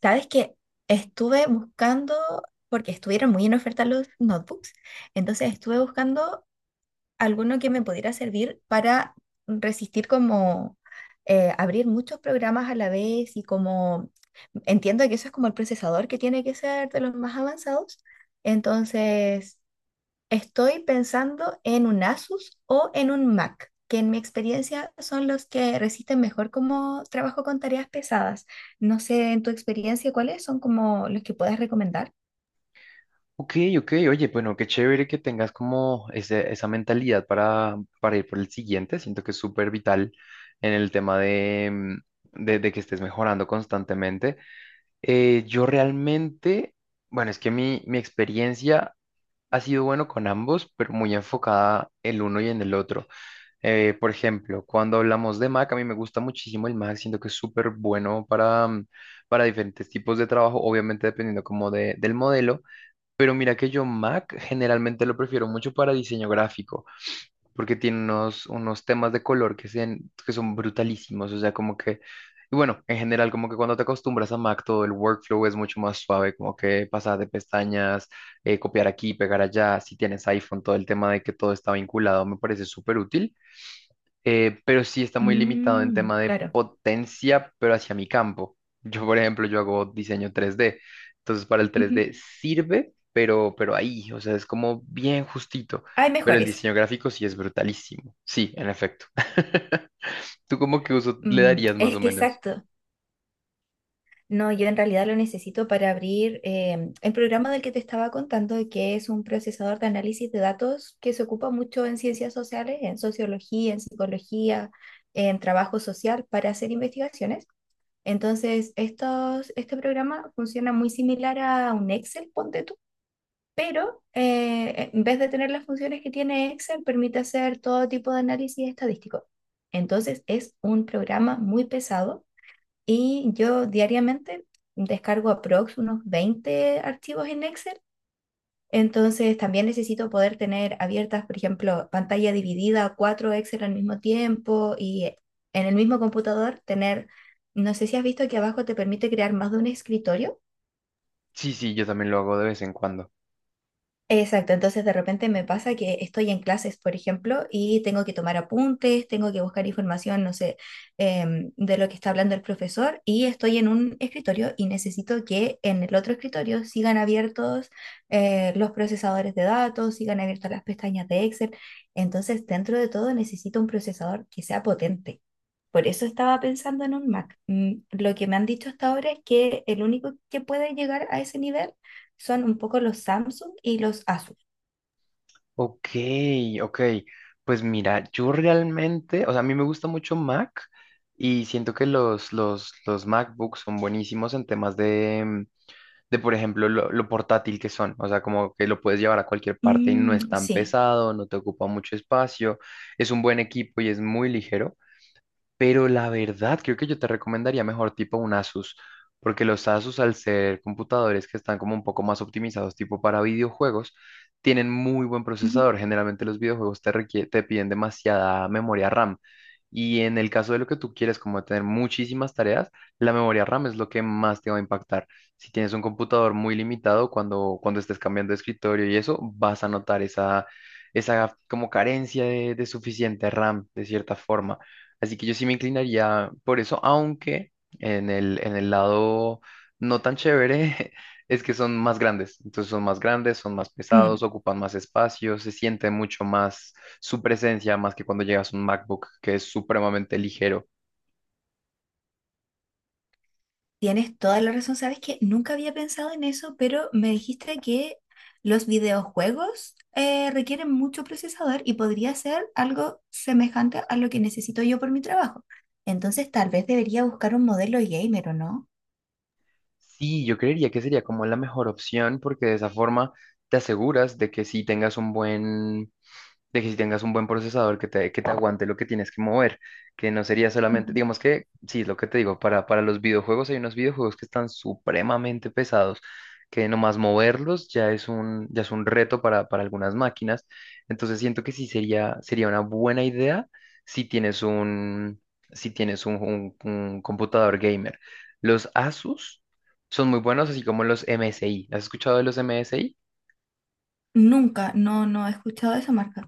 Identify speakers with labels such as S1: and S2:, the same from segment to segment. S1: Sabes que estuve buscando, porque estuvieron muy en oferta los notebooks, entonces estuve buscando alguno que me pudiera servir para resistir como abrir muchos programas a la vez y como entiendo que eso es como el procesador que tiene que ser de los más avanzados. Entonces, estoy pensando en un Asus o en un Mac, que en mi experiencia son los que resisten mejor como trabajo con tareas pesadas. No sé, en tu experiencia, ¿cuáles son como los que puedas recomendar?
S2: Ok, ok, oye, bueno, qué chévere que tengas como esa mentalidad para ir por el siguiente. Siento que es súper vital en el tema de, de que estés mejorando constantemente. Yo realmente, bueno, es que mi experiencia ha sido bueno con ambos, pero muy enfocada el uno y en el otro. Por ejemplo, cuando hablamos de Mac, a mí me gusta muchísimo el Mac, siento que es súper bueno para diferentes tipos de trabajo, obviamente dependiendo como del modelo. Pero mira que yo Mac generalmente lo prefiero mucho para diseño gráfico, porque tiene unos temas de color que son brutalísimos, o sea, como que, y bueno, en general como que cuando te acostumbras a Mac todo el workflow es mucho más suave, como que pasar de pestañas, copiar aquí, pegar allá, si tienes iPhone, todo el tema de que todo está vinculado me parece súper útil, pero sí está muy limitado en
S1: Mm,
S2: tema de
S1: claro.
S2: potencia, pero hacia mi campo. Yo, por ejemplo, yo hago diseño 3D, entonces para el
S1: Ujú.
S2: 3D sirve, pero ahí, o sea, es como bien justito,
S1: Hay
S2: pero el
S1: mejores.
S2: diseño gráfico sí es brutalísimo, sí, en efecto. ¿Tú cómo que uso le
S1: Mm,
S2: darías más
S1: es
S2: o
S1: que
S2: menos?
S1: exacto. No, yo en realidad lo necesito para abrir el programa del que te estaba contando, que es un procesador de análisis de datos que se ocupa mucho en ciencias sociales, en sociología, en psicología, en trabajo social para hacer investigaciones. Entonces, este programa funciona muy similar a un Excel, ponte tú, pero en vez de tener las funciones que tiene Excel, permite hacer todo tipo de análisis estadístico. Entonces, es un programa muy pesado y yo diariamente descargo aprox unos 20 archivos en Excel. Entonces también necesito poder tener abiertas, por ejemplo, pantalla dividida, cuatro Excel al mismo tiempo y en el mismo computador tener, no sé si has visto que abajo te permite crear más de un escritorio.
S2: Sí, sí, yo también lo hago de vez en cuando.
S1: Exacto, entonces de repente me pasa que estoy en clases, por ejemplo, y tengo que tomar apuntes, tengo que buscar información, no sé, de lo que está hablando el profesor, y estoy en un escritorio y necesito que en el otro escritorio sigan abiertos los procesadores de datos, sigan abiertas las pestañas de Excel. Entonces, dentro de todo, necesito un procesador que sea potente. Por eso estaba pensando en un Mac. Mm, lo que me han dicho hasta ahora es que el único que puede llegar a ese nivel son un poco los Samsung y los Asus.
S2: Ok, ok. Pues mira, yo realmente, o sea, a mí me gusta mucho Mac y siento que los MacBooks son buenísimos en temas de, de por ejemplo, lo portátil que son. O sea, como que lo puedes llevar a cualquier parte y no es
S1: Mm,
S2: tan
S1: sí.
S2: pesado, no te ocupa mucho espacio, es un buen equipo y es muy ligero. Pero la verdad, creo que yo te recomendaría mejor tipo un Asus, porque los Asus, al ser computadores que están como un poco más optimizados tipo para videojuegos, tienen muy buen
S1: Ujú.
S2: procesador. Generalmente los videojuegos te piden demasiada memoria RAM. Y en el caso de lo que tú quieres, como tener muchísimas tareas, la memoria RAM es lo que más te va a impactar. Si tienes un computador muy limitado, cuando estés cambiando de escritorio y eso, vas a notar esa como carencia de suficiente RAM, de cierta forma. Así que yo sí me inclinaría por eso, aunque en el lado no tan chévere es que son más grandes. Entonces son más grandes, son más
S1: Mm,
S2: pesados, ocupan más espacio, se siente mucho más su presencia, más que cuando llegas a un MacBook que es supremamente ligero.
S1: tienes toda la razón. Sabes que nunca había pensado en eso, pero me dijiste que los videojuegos requieren mucho procesador y podría ser algo semejante a lo que necesito yo por mi trabajo. Entonces, tal vez debería buscar un modelo gamer, ¿o no?
S2: Sí, yo creería que sería como la mejor opción porque de esa forma te aseguras de que sí tengas un buen procesador que te aguante lo que tienes que mover, que no sería solamente,
S1: Ujú.
S2: digamos que, sí, es lo que te digo, para los videojuegos hay unos videojuegos que están supremamente pesados, que nomás moverlos ya es un reto para algunas máquinas, entonces siento que sí sería una buena idea si tienes un computador gamer. Los Asus son muy buenos, así como los MSI. ¿Has escuchado de los MSI?
S1: Nunca, no, no he escuchado de esa marca.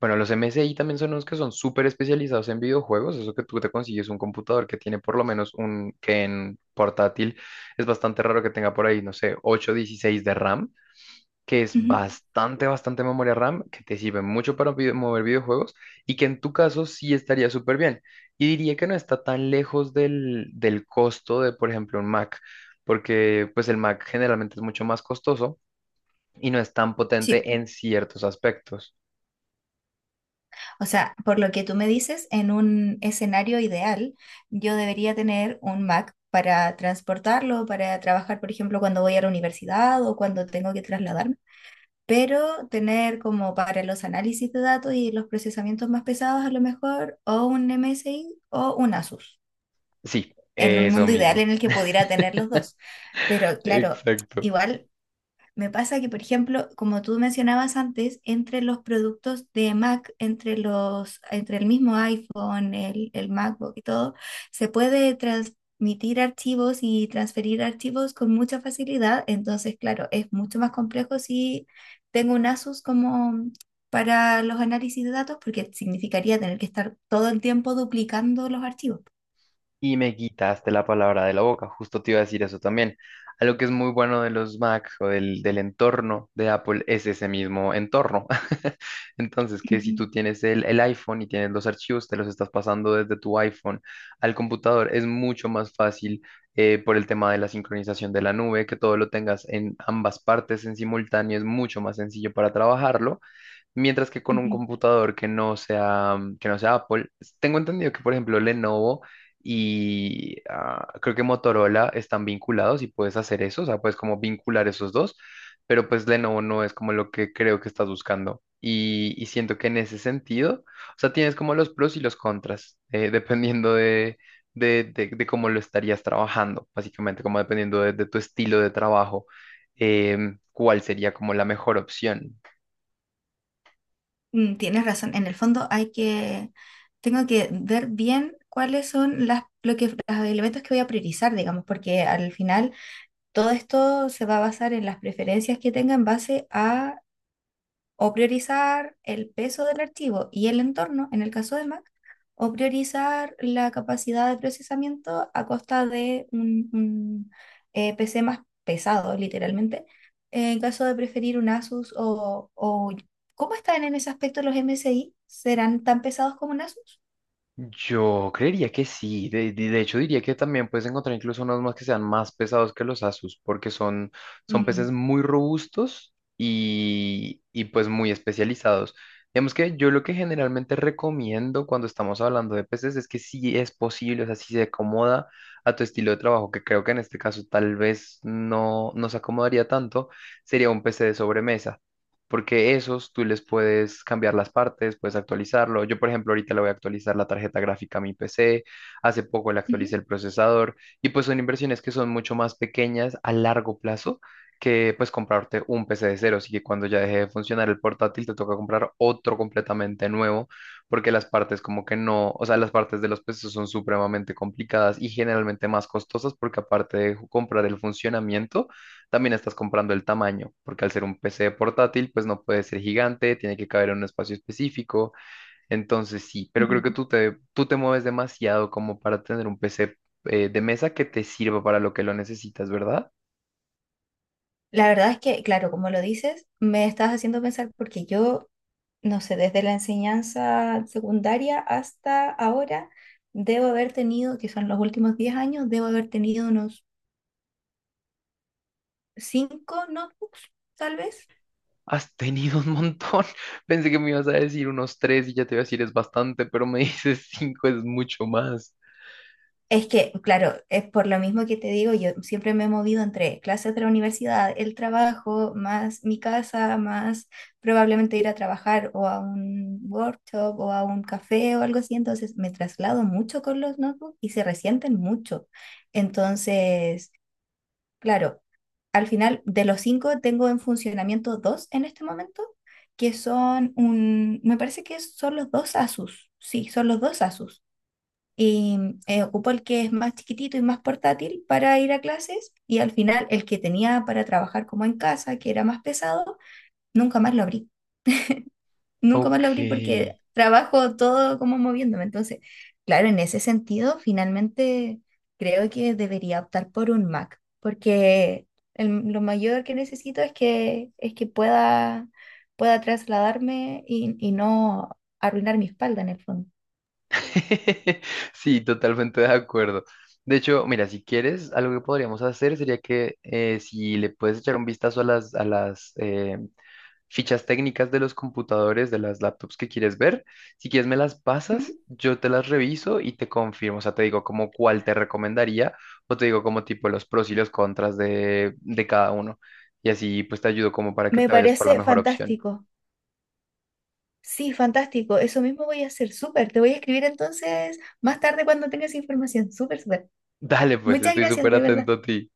S2: Bueno, los M S I también son unos que son súper especializados en videojuegos. Eso que tú te consigues un computador que tiene por lo menos un que en portátil es bastante raro que tenga por ahí, no sé, 8, 16 de RAM, que es bastante, bastante memoria RAM, que te sirve mucho para mover videojuegos y que en tu caso sí estaría súper bien. Y diría que no está tan lejos del costo de, por ejemplo, un Mac, porque pues el Mac generalmente es mucho más costoso y no es tan
S1: Sí,
S2: potente en ciertos aspectos.
S1: o sea, por lo que tú me dices, en un escenario ideal, yo debería tener un Mac para transportarlo, para trabajar, por ejemplo, cuando voy a la universidad o cuando tengo que trasladarme, pero tener como para los análisis de datos y los procesamientos más pesados a lo mejor o un MSI o un Asus,
S2: Sí,
S1: en un
S2: eso
S1: mundo ideal
S2: mismo.
S1: en el que pudiera tener los dos. Pero claro,
S2: Exacto.
S1: igual me pasa que, por ejemplo, como tú mencionabas antes, entre los productos de Mac, entre el mismo iPhone, el MacBook y todo, se puede transmitir archivos y transferir archivos con mucha facilidad. Entonces, claro, es mucho más complejo si tengo un Asus como para los análisis de datos, porque significaría tener que estar todo el tiempo duplicando los archivos.
S2: Y me quitaste la palabra de la boca, justo te iba a decir eso también. Algo que es muy bueno de los Mac o del entorno de Apple es ese mismo entorno. Entonces, que si
S1: Ujú,
S2: tú tienes el iPhone y tienes los archivos, te los estás pasando desde tu iPhone al computador, es mucho más fácil por el tema de la sincronización de la nube, que todo lo tengas en ambas partes en simultáneo, es mucho más sencillo para trabajarlo. Mientras que con un
S1: ujú.
S2: computador que no sea Apple, tengo entendido que, por ejemplo, Lenovo y ah, creo que Motorola están vinculados y puedes hacer eso, o sea, puedes como vincular esos dos, pero pues Lenovo no es como lo que creo que estás buscando. Y siento que en ese sentido, o sea, tienes como los pros y los contras, dependiendo de cómo lo estarías trabajando, básicamente, como dependiendo de tu estilo de trabajo, cuál sería como la mejor opción.
S1: Mm, tienes razón, en el fondo hay que, tengo que ver bien cuáles son las, lo que, los elementos que voy a priorizar, digamos, porque al final todo esto se va a basar en las preferencias que tenga en base a o priorizar el peso del archivo y el entorno, en el caso de Mac, o priorizar la capacidad de procesamiento a costa de un PC más pesado, literalmente, en caso de preferir un Asus o- ¿Cómo están en ese aspecto los MSI? ¿Serán tan pesados como un Asus?
S2: Yo creería que sí, de hecho diría que también puedes encontrar incluso unos más que sean más pesados que los Asus, porque son peces
S1: Mm,
S2: muy robustos y pues muy especializados. Digamos que yo lo que generalmente recomiendo cuando estamos hablando de peces es que si es posible, o sea, si se acomoda a tu estilo de trabajo, que creo que en este caso tal vez no se acomodaría tanto, sería un PC de sobremesa porque esos tú les puedes cambiar las partes, puedes actualizarlo. Yo, por ejemplo, ahorita le voy a actualizar la tarjeta gráfica a mi PC, hace poco le
S1: ujú,
S2: actualicé el procesador y pues son inversiones que son mucho más pequeñas a largo plazo que pues comprarte un PC de cero, así que cuando ya deje de funcionar el portátil te toca comprar otro completamente nuevo porque las partes como que no, o sea, las partes de los pesos son supremamente complicadas y generalmente más costosas porque aparte de comprar el funcionamiento, también estás comprando el tamaño, porque al ser un PC portátil, pues no puede ser gigante, tiene que caber en un espacio específico. Entonces sí, pero creo que
S1: ujú.
S2: tú te mueves demasiado como para tener un PC de mesa que te sirva para lo que lo necesitas, ¿verdad?
S1: La verdad es que, claro, como lo dices, me estás haciendo pensar porque yo no sé, desde la enseñanza secundaria hasta ahora, debo haber tenido, que son los últimos 10 años, debo haber tenido unos 5 notebooks, tal vez.
S2: Has tenido un montón. Pensé que me ibas a decir unos tres y ya te iba a decir es bastante, pero me dices cinco es mucho más.
S1: Es que, claro, es por lo mismo que te digo, yo siempre me he movido entre clases de la universidad, el trabajo, más mi casa, más probablemente ir a trabajar o a un workshop o a un café o algo así. Entonces me traslado mucho con los notebooks y se resienten mucho. Entonces, claro, al final, de los cinco tengo en funcionamiento dos en este momento, que son un, me parece que son los dos Asus, sí, son los dos Asus. Y ocupo el que es más chiquitito y más portátil para ir a clases y al final el que tenía para trabajar como en casa, que era más pesado, nunca más lo abrí. Nunca más lo
S2: Ok.
S1: abrí porque trabajo todo como moviéndome. Entonces, claro, en ese sentido, finalmente creo que debería optar por un Mac, porque lo mayor que necesito es que pueda, pueda trasladarme y no arruinar mi espalda en el fondo.
S2: Sí, totalmente de acuerdo. De hecho, mira, si quieres, algo que podríamos hacer sería que si le puedes echar un vistazo a a las fichas técnicas de los computadores, de las laptops que quieres ver, si quieres me las
S1: Ujú.
S2: pasas, yo te las reviso y te confirmo, o sea, te digo como cuál te recomendaría o te digo como tipo los pros y los contras de cada uno. Y así pues te ayudo como para que
S1: Me
S2: te vayas por la
S1: parece
S2: mejor opción.
S1: fantástico. Sí, fantástico. Eso mismo voy a hacer. Súper. Te voy a escribir entonces más tarde cuando tengas información. Súper, súper.
S2: Dale, pues,
S1: Muchas
S2: estoy
S1: gracias,
S2: súper
S1: de verdad.
S2: atento a ti.